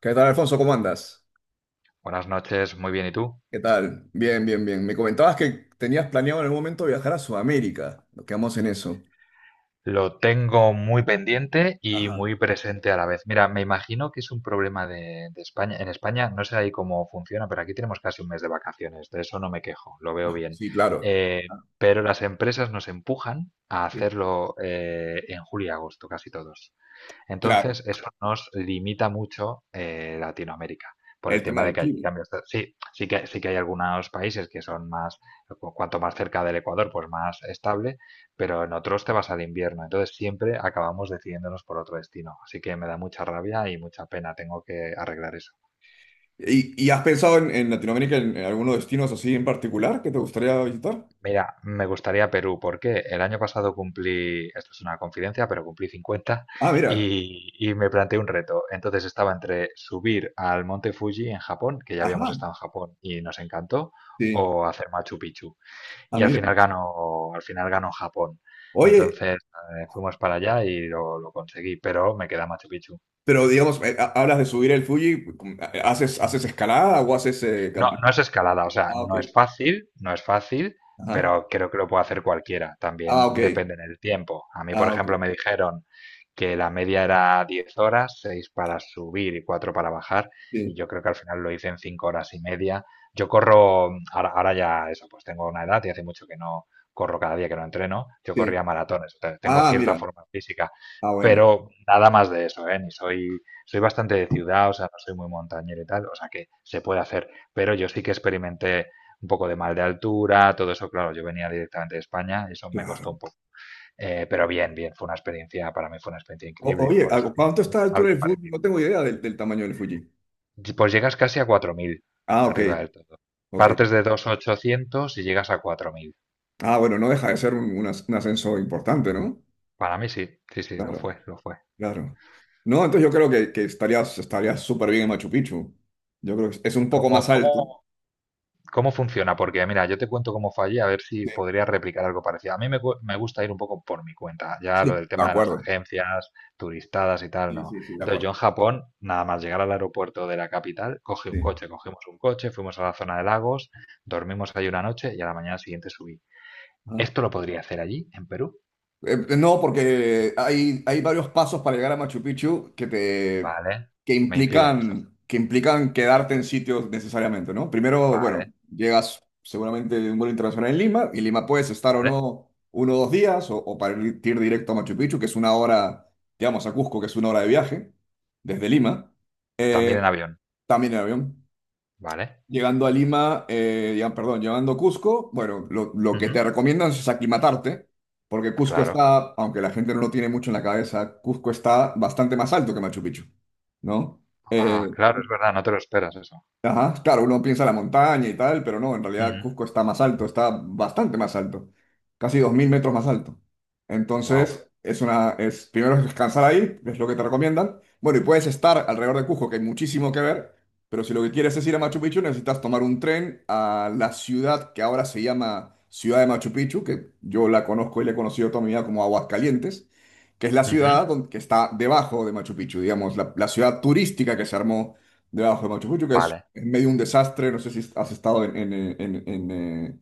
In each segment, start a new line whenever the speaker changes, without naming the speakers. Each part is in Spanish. ¿Qué tal, Alfonso? ¿Cómo andas?
Buenas noches, muy bien, ¿y tú?
¿Qué tal? Bien, bien, bien. Me comentabas que tenías planeado en algún momento viajar a Sudamérica. Nos quedamos en eso.
Lo tengo muy pendiente y
Ajá.
muy presente a la vez. Mira, me imagino que es un problema de España. En España no sé ahí cómo funciona, pero aquí tenemos casi un mes de vacaciones, de eso no me quejo, lo veo bien.
Sí, claro.
Eh,
Ah,
pero las empresas nos empujan a
sí.
hacerlo en julio y agosto, casi todos.
Claro,
Entonces, eso nos limita mucho Latinoamérica, por el
el tema
tema de
del
que allí
clima.
cambios. Sí, sí que hay algunos países que son más, cuanto más cerca del Ecuador, pues más estable, pero en otros te vas al invierno. Entonces, siempre acabamos decidiéndonos por otro destino. Así que me da mucha rabia y mucha pena. Tengo que arreglar eso.
¿Y has pensado en Latinoamérica en algunos destinos así en particular que te gustaría visitar?
Mira, me gustaría Perú porque el año pasado cumplí, esto es una confidencia, pero cumplí 50
Ah, mira.
y me planteé un reto. Entonces estaba entre subir al monte Fuji en Japón, que ya
Ajá,
habíamos estado en Japón y nos encantó,
sí.
o hacer Machu Picchu.
Ah,
Y
mira.
al final ganó Japón.
Oye,
Entonces fuimos para allá y lo conseguí, pero me queda Machu Picchu.
pero digamos, hablas de subir el Fuji, ¿haces escalada o haces,
No, no es escalada, o sea,
Ah, ok.
no es fácil, no es fácil,
Ajá.
pero creo que lo puede hacer cualquiera.
Ah,
También
ok.
depende del tiempo. A mí, por
Ah,
ejemplo,
ok.
me dijeron que la media era 10 horas, 6 para subir y 4 para bajar, y
Sí,
yo creo que al final lo hice en 5 horas y media. Yo corro, ahora ya eso, pues tengo una edad y hace mucho que no corro cada día que no entreno, yo
sí.
corría maratones, o sea, tengo
Ah,
cierta
mira.
forma física,
Ah, bueno.
pero nada más de eso, ¿eh? Ni soy bastante de ciudad, o sea, no soy muy montañero y tal, o sea que se puede hacer. Pero yo sí que experimenté un poco de mal de altura, todo eso, claro, yo venía directamente de España y eso me costó un
Claro.
poco. Pero bien, bien, fue una experiencia, para mí fue una experiencia increíble,
Oye,
por
¿a
eso quiero
¿cuánto
hacer
está la altura
algo
del Fuji?
parecido.
No tengo idea del tamaño del Fuji.
Y pues llegas casi a 4000
Ah, ok,
arriba del todo.
ok.
Partes de 2800 y llegas a 4000.
Ah, bueno, no deja de ser un ascenso importante, ¿no?
Para mí sí, sí, sí, lo
Claro,
fue, lo fue.
claro. No, entonces yo creo que estarías súper bien en Machu Picchu. Yo creo que es un poco
¿Cómo,
más alto.
cómo ¿Cómo funciona? Porque mira, yo te cuento cómo fallé, a ver si
Sí,
podría replicar algo parecido. A mí me gusta ir un poco por mi cuenta, ya lo
sí,
del
de
tema de las
acuerdo.
agencias, turistadas y tal,
Sí,
no.
sí, sí, de
Entonces yo
acuerdo.
en Japón, nada más llegar al aeropuerto de la capital,
Sí.
cogimos un coche, fuimos a la zona de lagos, dormimos ahí una noche y a la mañana siguiente subí.
Ah.
¿Esto lo podría hacer allí, en Perú?
No, porque hay varios pasos para llegar a Machu Picchu
Vale, me impiden eso.
que implican quedarte en sitios necesariamente, ¿no? Primero, bueno,
Vale,
llegas seguramente de un vuelo internacional en Lima, y Lima puedes estar o
vale.
no uno o dos días, o para ir directo a Machu Picchu, que es una hora, digamos, a Cusco, que es una hora de viaje, desde Lima,
También en
eh,
avión,
también en avión.
vale.
Llegando a Lima, perdón, llegando a Cusco, bueno, lo que
Ujú,
te recomiendan es aclimatarte, porque Cusco
claro.
está, aunque la gente no lo tiene mucho en la cabeza, Cusco está bastante más alto que Machu Picchu, ¿no?
Ah,
Eh,
claro, es verdad, no te lo esperas eso.
Ajá, claro, uno piensa la montaña y tal, pero no, en realidad Cusco está más alto, está bastante más alto, casi 2.000 metros más alto.
Wow.
Entonces, primero es descansar ahí, es lo que te recomiendan. Bueno, y puedes estar alrededor de Cusco, que hay muchísimo que ver, pero si lo que quieres es ir a Machu Picchu, necesitas tomar un tren a la ciudad que ahora se llama Ciudad de Machu Picchu, que yo la conozco y la he conocido toda mi vida como Aguascalientes, que es la ciudad que está debajo de Machu Picchu, digamos, la ciudad turística que se armó debajo de Machu Picchu, que es
Vale.
en medio de un desastre. No sé si has estado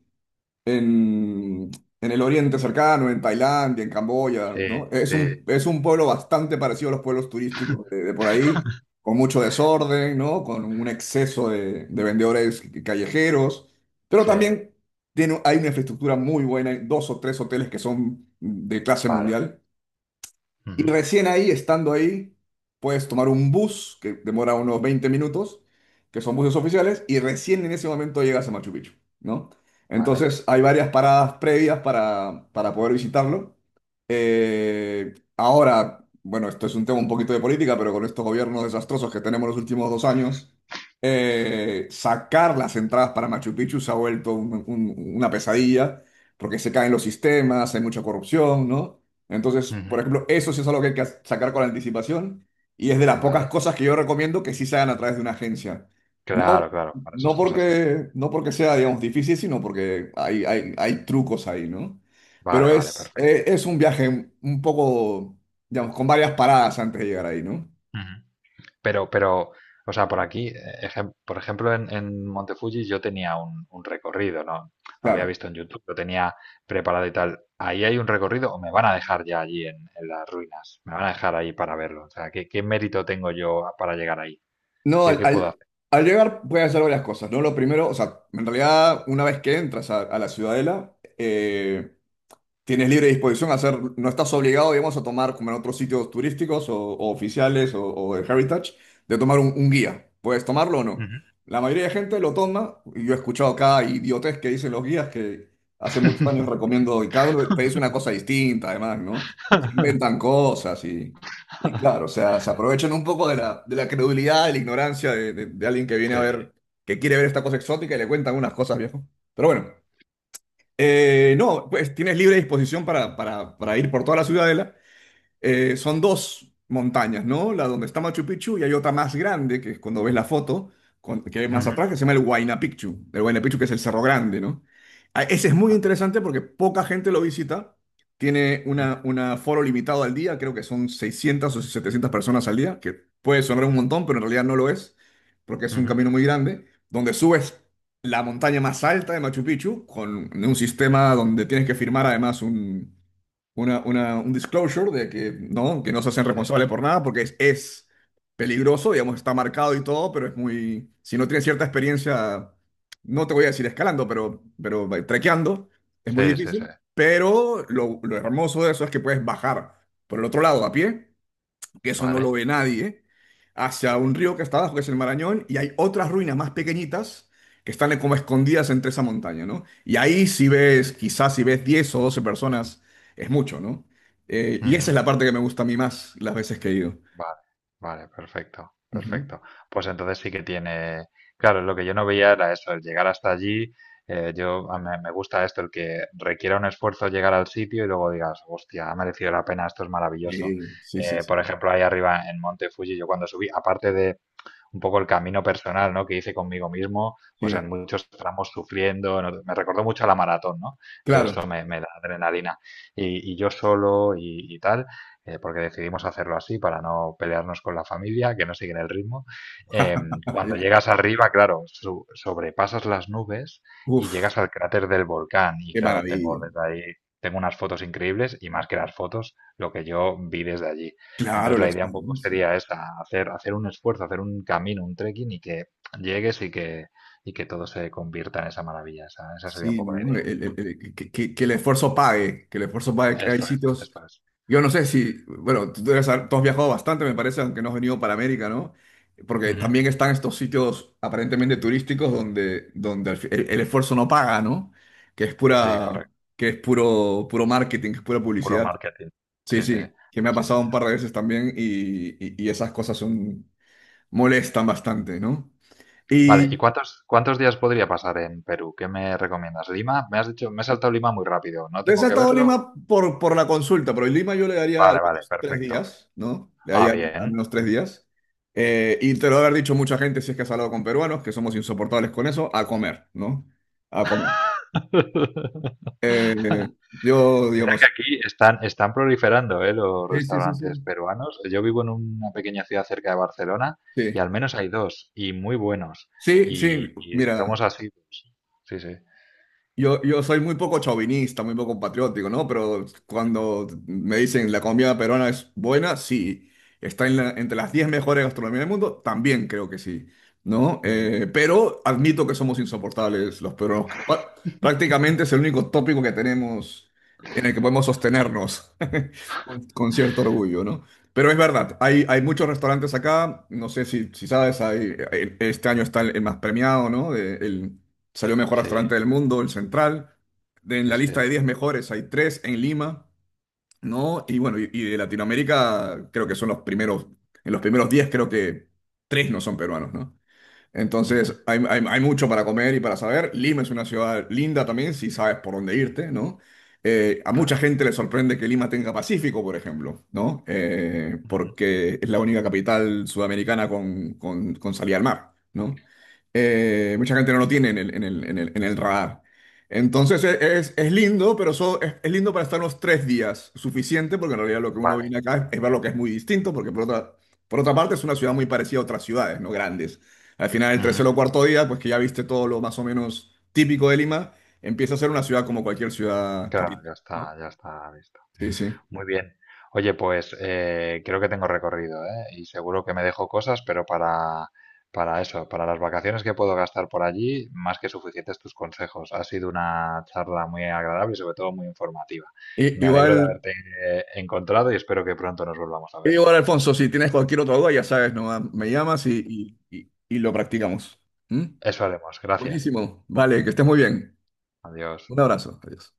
en- en el Oriente cercano, en Tailandia, en Camboya, ¿no?
Sí,
Es
sí,
un, es un pueblo bastante parecido a los pueblos turísticos de por ahí, con mucho desorden, ¿no? Con un exceso de vendedores callejeros, pero
sí,
también hay una infraestructura muy buena, hay dos o tres hoteles que son de clase
vale.
mundial. Y
Ujú,
recién ahí, estando ahí, puedes tomar un bus que demora unos 20 minutos, que son buses oficiales, y recién en ese momento llegas a Machu Picchu, ¿no?
vale,
Entonces hay varias paradas previas para poder visitarlo. Ahora, bueno, esto es un tema un poquito de política, pero con estos gobiernos desastrosos que tenemos los últimos 2 años, sacar las entradas para Machu Picchu se ha vuelto una pesadilla, porque se caen los sistemas, hay mucha corrupción, ¿no? Entonces, por
ujú,
ejemplo, eso sí es algo que hay que sacar con anticipación y es de las pocas
vale.
cosas que yo recomiendo que sí se hagan a través de una agencia. No,
Claro, claro, para
no
esas cosas sí.
porque, no porque sea, digamos, difícil, sino porque hay trucos ahí, ¿no? Pero
Vale, vale, perfecto.
es un viaje un poco, digamos, con varias paradas antes de llegar ahí, ¿no?
Ujú. Pero, pero, o sea, por aquí, por ejemplo, en Monte Fuji yo tenía un recorrido, ¿no? Lo había
Claro.
visto en YouTube, lo tenía preparado y tal. ¿Ahí hay un recorrido o me van a dejar ya allí en las ruinas? ¿Me van a dejar ahí para verlo? O sea, ¿qué mérito tengo yo para llegar ahí?
No,
¿Qué,
al,
qué puedo
al-
hacer?
al llegar puedes hacer varias cosas, ¿no? Lo primero, o sea, en realidad, una vez que entras a la ciudadela, tienes libre disposición a hacer, no estás obligado, digamos, a tomar como en otros sitios turísticos o oficiales o de Heritage, de tomar un guía. Puedes tomarlo o no.
Ujú.
La mayoría de gente lo toma. Y yo he escuchado cada idiotez que dicen los guías que hace muchos años recomiendo y cada uno te dice una cosa distinta, además, ¿no? Se inventan cosas y claro, o sea, se aprovechan un poco de la credulidad, de la ignorancia de alguien que viene a
Sí.
ver, que quiere ver esta cosa exótica y le cuentan unas cosas, viejo. Pero bueno. No, pues tienes libre disposición para ir por toda la ciudadela. Son dos montañas, ¿no? La donde está Machu Picchu y hay otra más grande, que es cuando ves la foto, que hay más
Ujú.
atrás, que se llama el Huayna Picchu. El Huayna Picchu que es el Cerro Grande, ¿no? Ah, ese es muy interesante porque poca gente lo visita. Tiene
Ujú,
una aforo limitado al día, creo que son 600 o 700 personas al día, que puede sonar un montón, pero en realidad no lo es, porque es un
ujú.
camino muy grande, donde subes la montaña más alta de Machu Picchu con un sistema donde tienes que firmar además un disclosure de que no se hacen
Sí.
responsables por nada porque es peligroso, digamos, está marcado y todo, pero es muy, si no tienes cierta experiencia, no te voy a decir escalando, pero trekeando, es muy
Sí, sí, sí.
difícil, pero lo hermoso de eso es que puedes bajar por el otro lado a pie que eso no
Vale.
lo ve nadie, hacia un río que está abajo, que es el Marañón, y hay otras ruinas más pequeñitas que están como escondidas entre esa montaña, ¿no? Y ahí quizás si ves 10 o 12 personas, es mucho, ¿no? Y esa
Ujú.
es la parte que me gusta a mí más las veces que he ido.
Vale, vale, perfecto,
Ujú.
perfecto. Pues entonces sí que tiene, claro, lo que yo no veía era eso, el llegar hasta allí. Me gusta esto, el que requiera un esfuerzo llegar al sitio y luego digas, hostia, ha merecido la pena, esto es maravilloso.
Sí, sí, sí,
Por
sí.
ejemplo, ahí arriba en Monte Fuji, yo cuando subí, aparte de un poco el camino personal, ¿no? Que hice conmigo mismo, pues
Sí,
en muchos tramos sufriendo, ¿no? Me recordó mucho a la maratón, ¿no? Entonces
claro.
eso me da adrenalina. Y yo solo y tal, porque decidimos hacerlo así para no pelearnos con la familia, que no siguen el ritmo. Eh,
Ah,
Cuando
ya.
llegas arriba, claro, sobrepasas las nubes y
Uf,
llegas al cráter del volcán. Y
qué
claro,
maravilla.
tengo desde ahí, tengo unas fotos increíbles y más que las fotos, lo que yo vi desde allí.
Claro,
Entonces
la
la idea un poco
experiencia.
sería esa, hacer un esfuerzo, hacer un camino, un trekking y que llegues y que todo se convierta en esa maravilla. Esa sería un
Sí,
poco la
¿no?
idea.
Que el esfuerzo pague, que el esfuerzo pague, que hay
Eso es,
sitios.
eso es.
Yo no sé si, bueno, tú, tú has viajado bastante, me parece, aunque no has venido para América, ¿no? Porque
Ujú.
también están estos sitios aparentemente turísticos donde el esfuerzo no paga, ¿no? Que es
Sí,
pura,
correcto.
que es puro, puro marketing, que es pura
Puro
publicidad.
marketing.
Sí,
Sí, sí,
sí, que me
sí,
ha
sí,
pasado un par
está
de veces
claro.
también y, y esas cosas molestan bastante, ¿no?
Vale, ¿y cuántos días podría pasar en Perú? ¿Qué me recomiendas? ¿Lima? Me has dicho, me he saltado Lima muy rápido. ¿No
De
tengo
esa
que
estado
verlo?
Lima por la consulta, pero en Lima yo le daría al
Vale, vale,
menos tres
perfecto.
días, ¿no? Le
Ah,
daría al
bien,
menos tres
bien.
días. Y te lo debe haber dicho mucha gente si es que has hablado con peruanos, que somos insoportables con eso, a comer, ¿no? A comer. Yo,
Mira que
digamos.
aquí están proliferando, ¿eh? Los
Sí, sí, sí,
restaurantes
sí.
peruanos. Yo vivo en una pequeña ciudad cerca de Barcelona y
Sí,
al menos hay dos y muy buenos.
sí,
Y,
sí,
y
mira.
somos así. Sí, sí.
Yo soy muy poco chauvinista, muy poco patriótico, ¿no? Pero
Ujú,
cuando me dicen la comida peruana es buena, sí. Entre las 10 mejores gastronomías del mundo, también creo que sí, ¿no?
ujú.
Pero admito que somos insoportables los peruanos. Prácticamente es el único tópico que tenemos en el que podemos sostenernos con cierto orgullo, ¿no? Pero es verdad, hay muchos restaurantes acá, no sé si, sabes, este año está el más premiado, ¿no? Salió mejor restaurante
Sí,
del mundo, el Central. En
sí,
la lista
sí.
de 10 mejores hay 3 en Lima, ¿no? Y bueno, y de Latinoamérica creo que son los primeros, en los primeros 10 creo que 3 no son peruanos, ¿no?
Ujú,
Entonces, hay mucho para comer y para saber. Lima es una ciudad linda también, si sabes por dónde irte, ¿no? A mucha
claro.
gente le sorprende que Lima tenga Pacífico, por ejemplo, ¿no?
Ujú.
Porque es la única capital sudamericana con salida al mar, ¿no? Mucha gente no lo tiene en el radar. Entonces, es lindo, pero es lindo para estar unos 3 días, suficiente, porque en realidad lo que uno
Vale.
viene acá es ver lo que es muy distinto, porque por otra parte es una ciudad muy parecida a otras ciudades, ¿no? Grandes. Al final, el
Ujú.
tercer o cuarto día, pues que ya viste todo lo más o menos típico de Lima, empieza a ser una ciudad como cualquier ciudad
Claro,
capital,
ya
¿no?
está, ya está.
Sí, sí.
Muy bien. Oye, pues creo que tengo recorrido, ¿eh? Y seguro que me dejo cosas, pero para eso, para las vacaciones que puedo gastar por allí, más que suficientes tus consejos. Ha sido una charla muy agradable y sobre todo muy informativa.
I-
Me alegro de
igual,
haberte encontrado y espero que pronto nos volvamos a ver.
Igual, Alfonso, si tienes cualquier otra duda, ya sabes, nomás me llamas y lo practicamos. ¿Mm?
Eso haremos. Gracias.
Buenísimo. Vale, que estés muy bien.
Adiós.
Un abrazo. Adiós.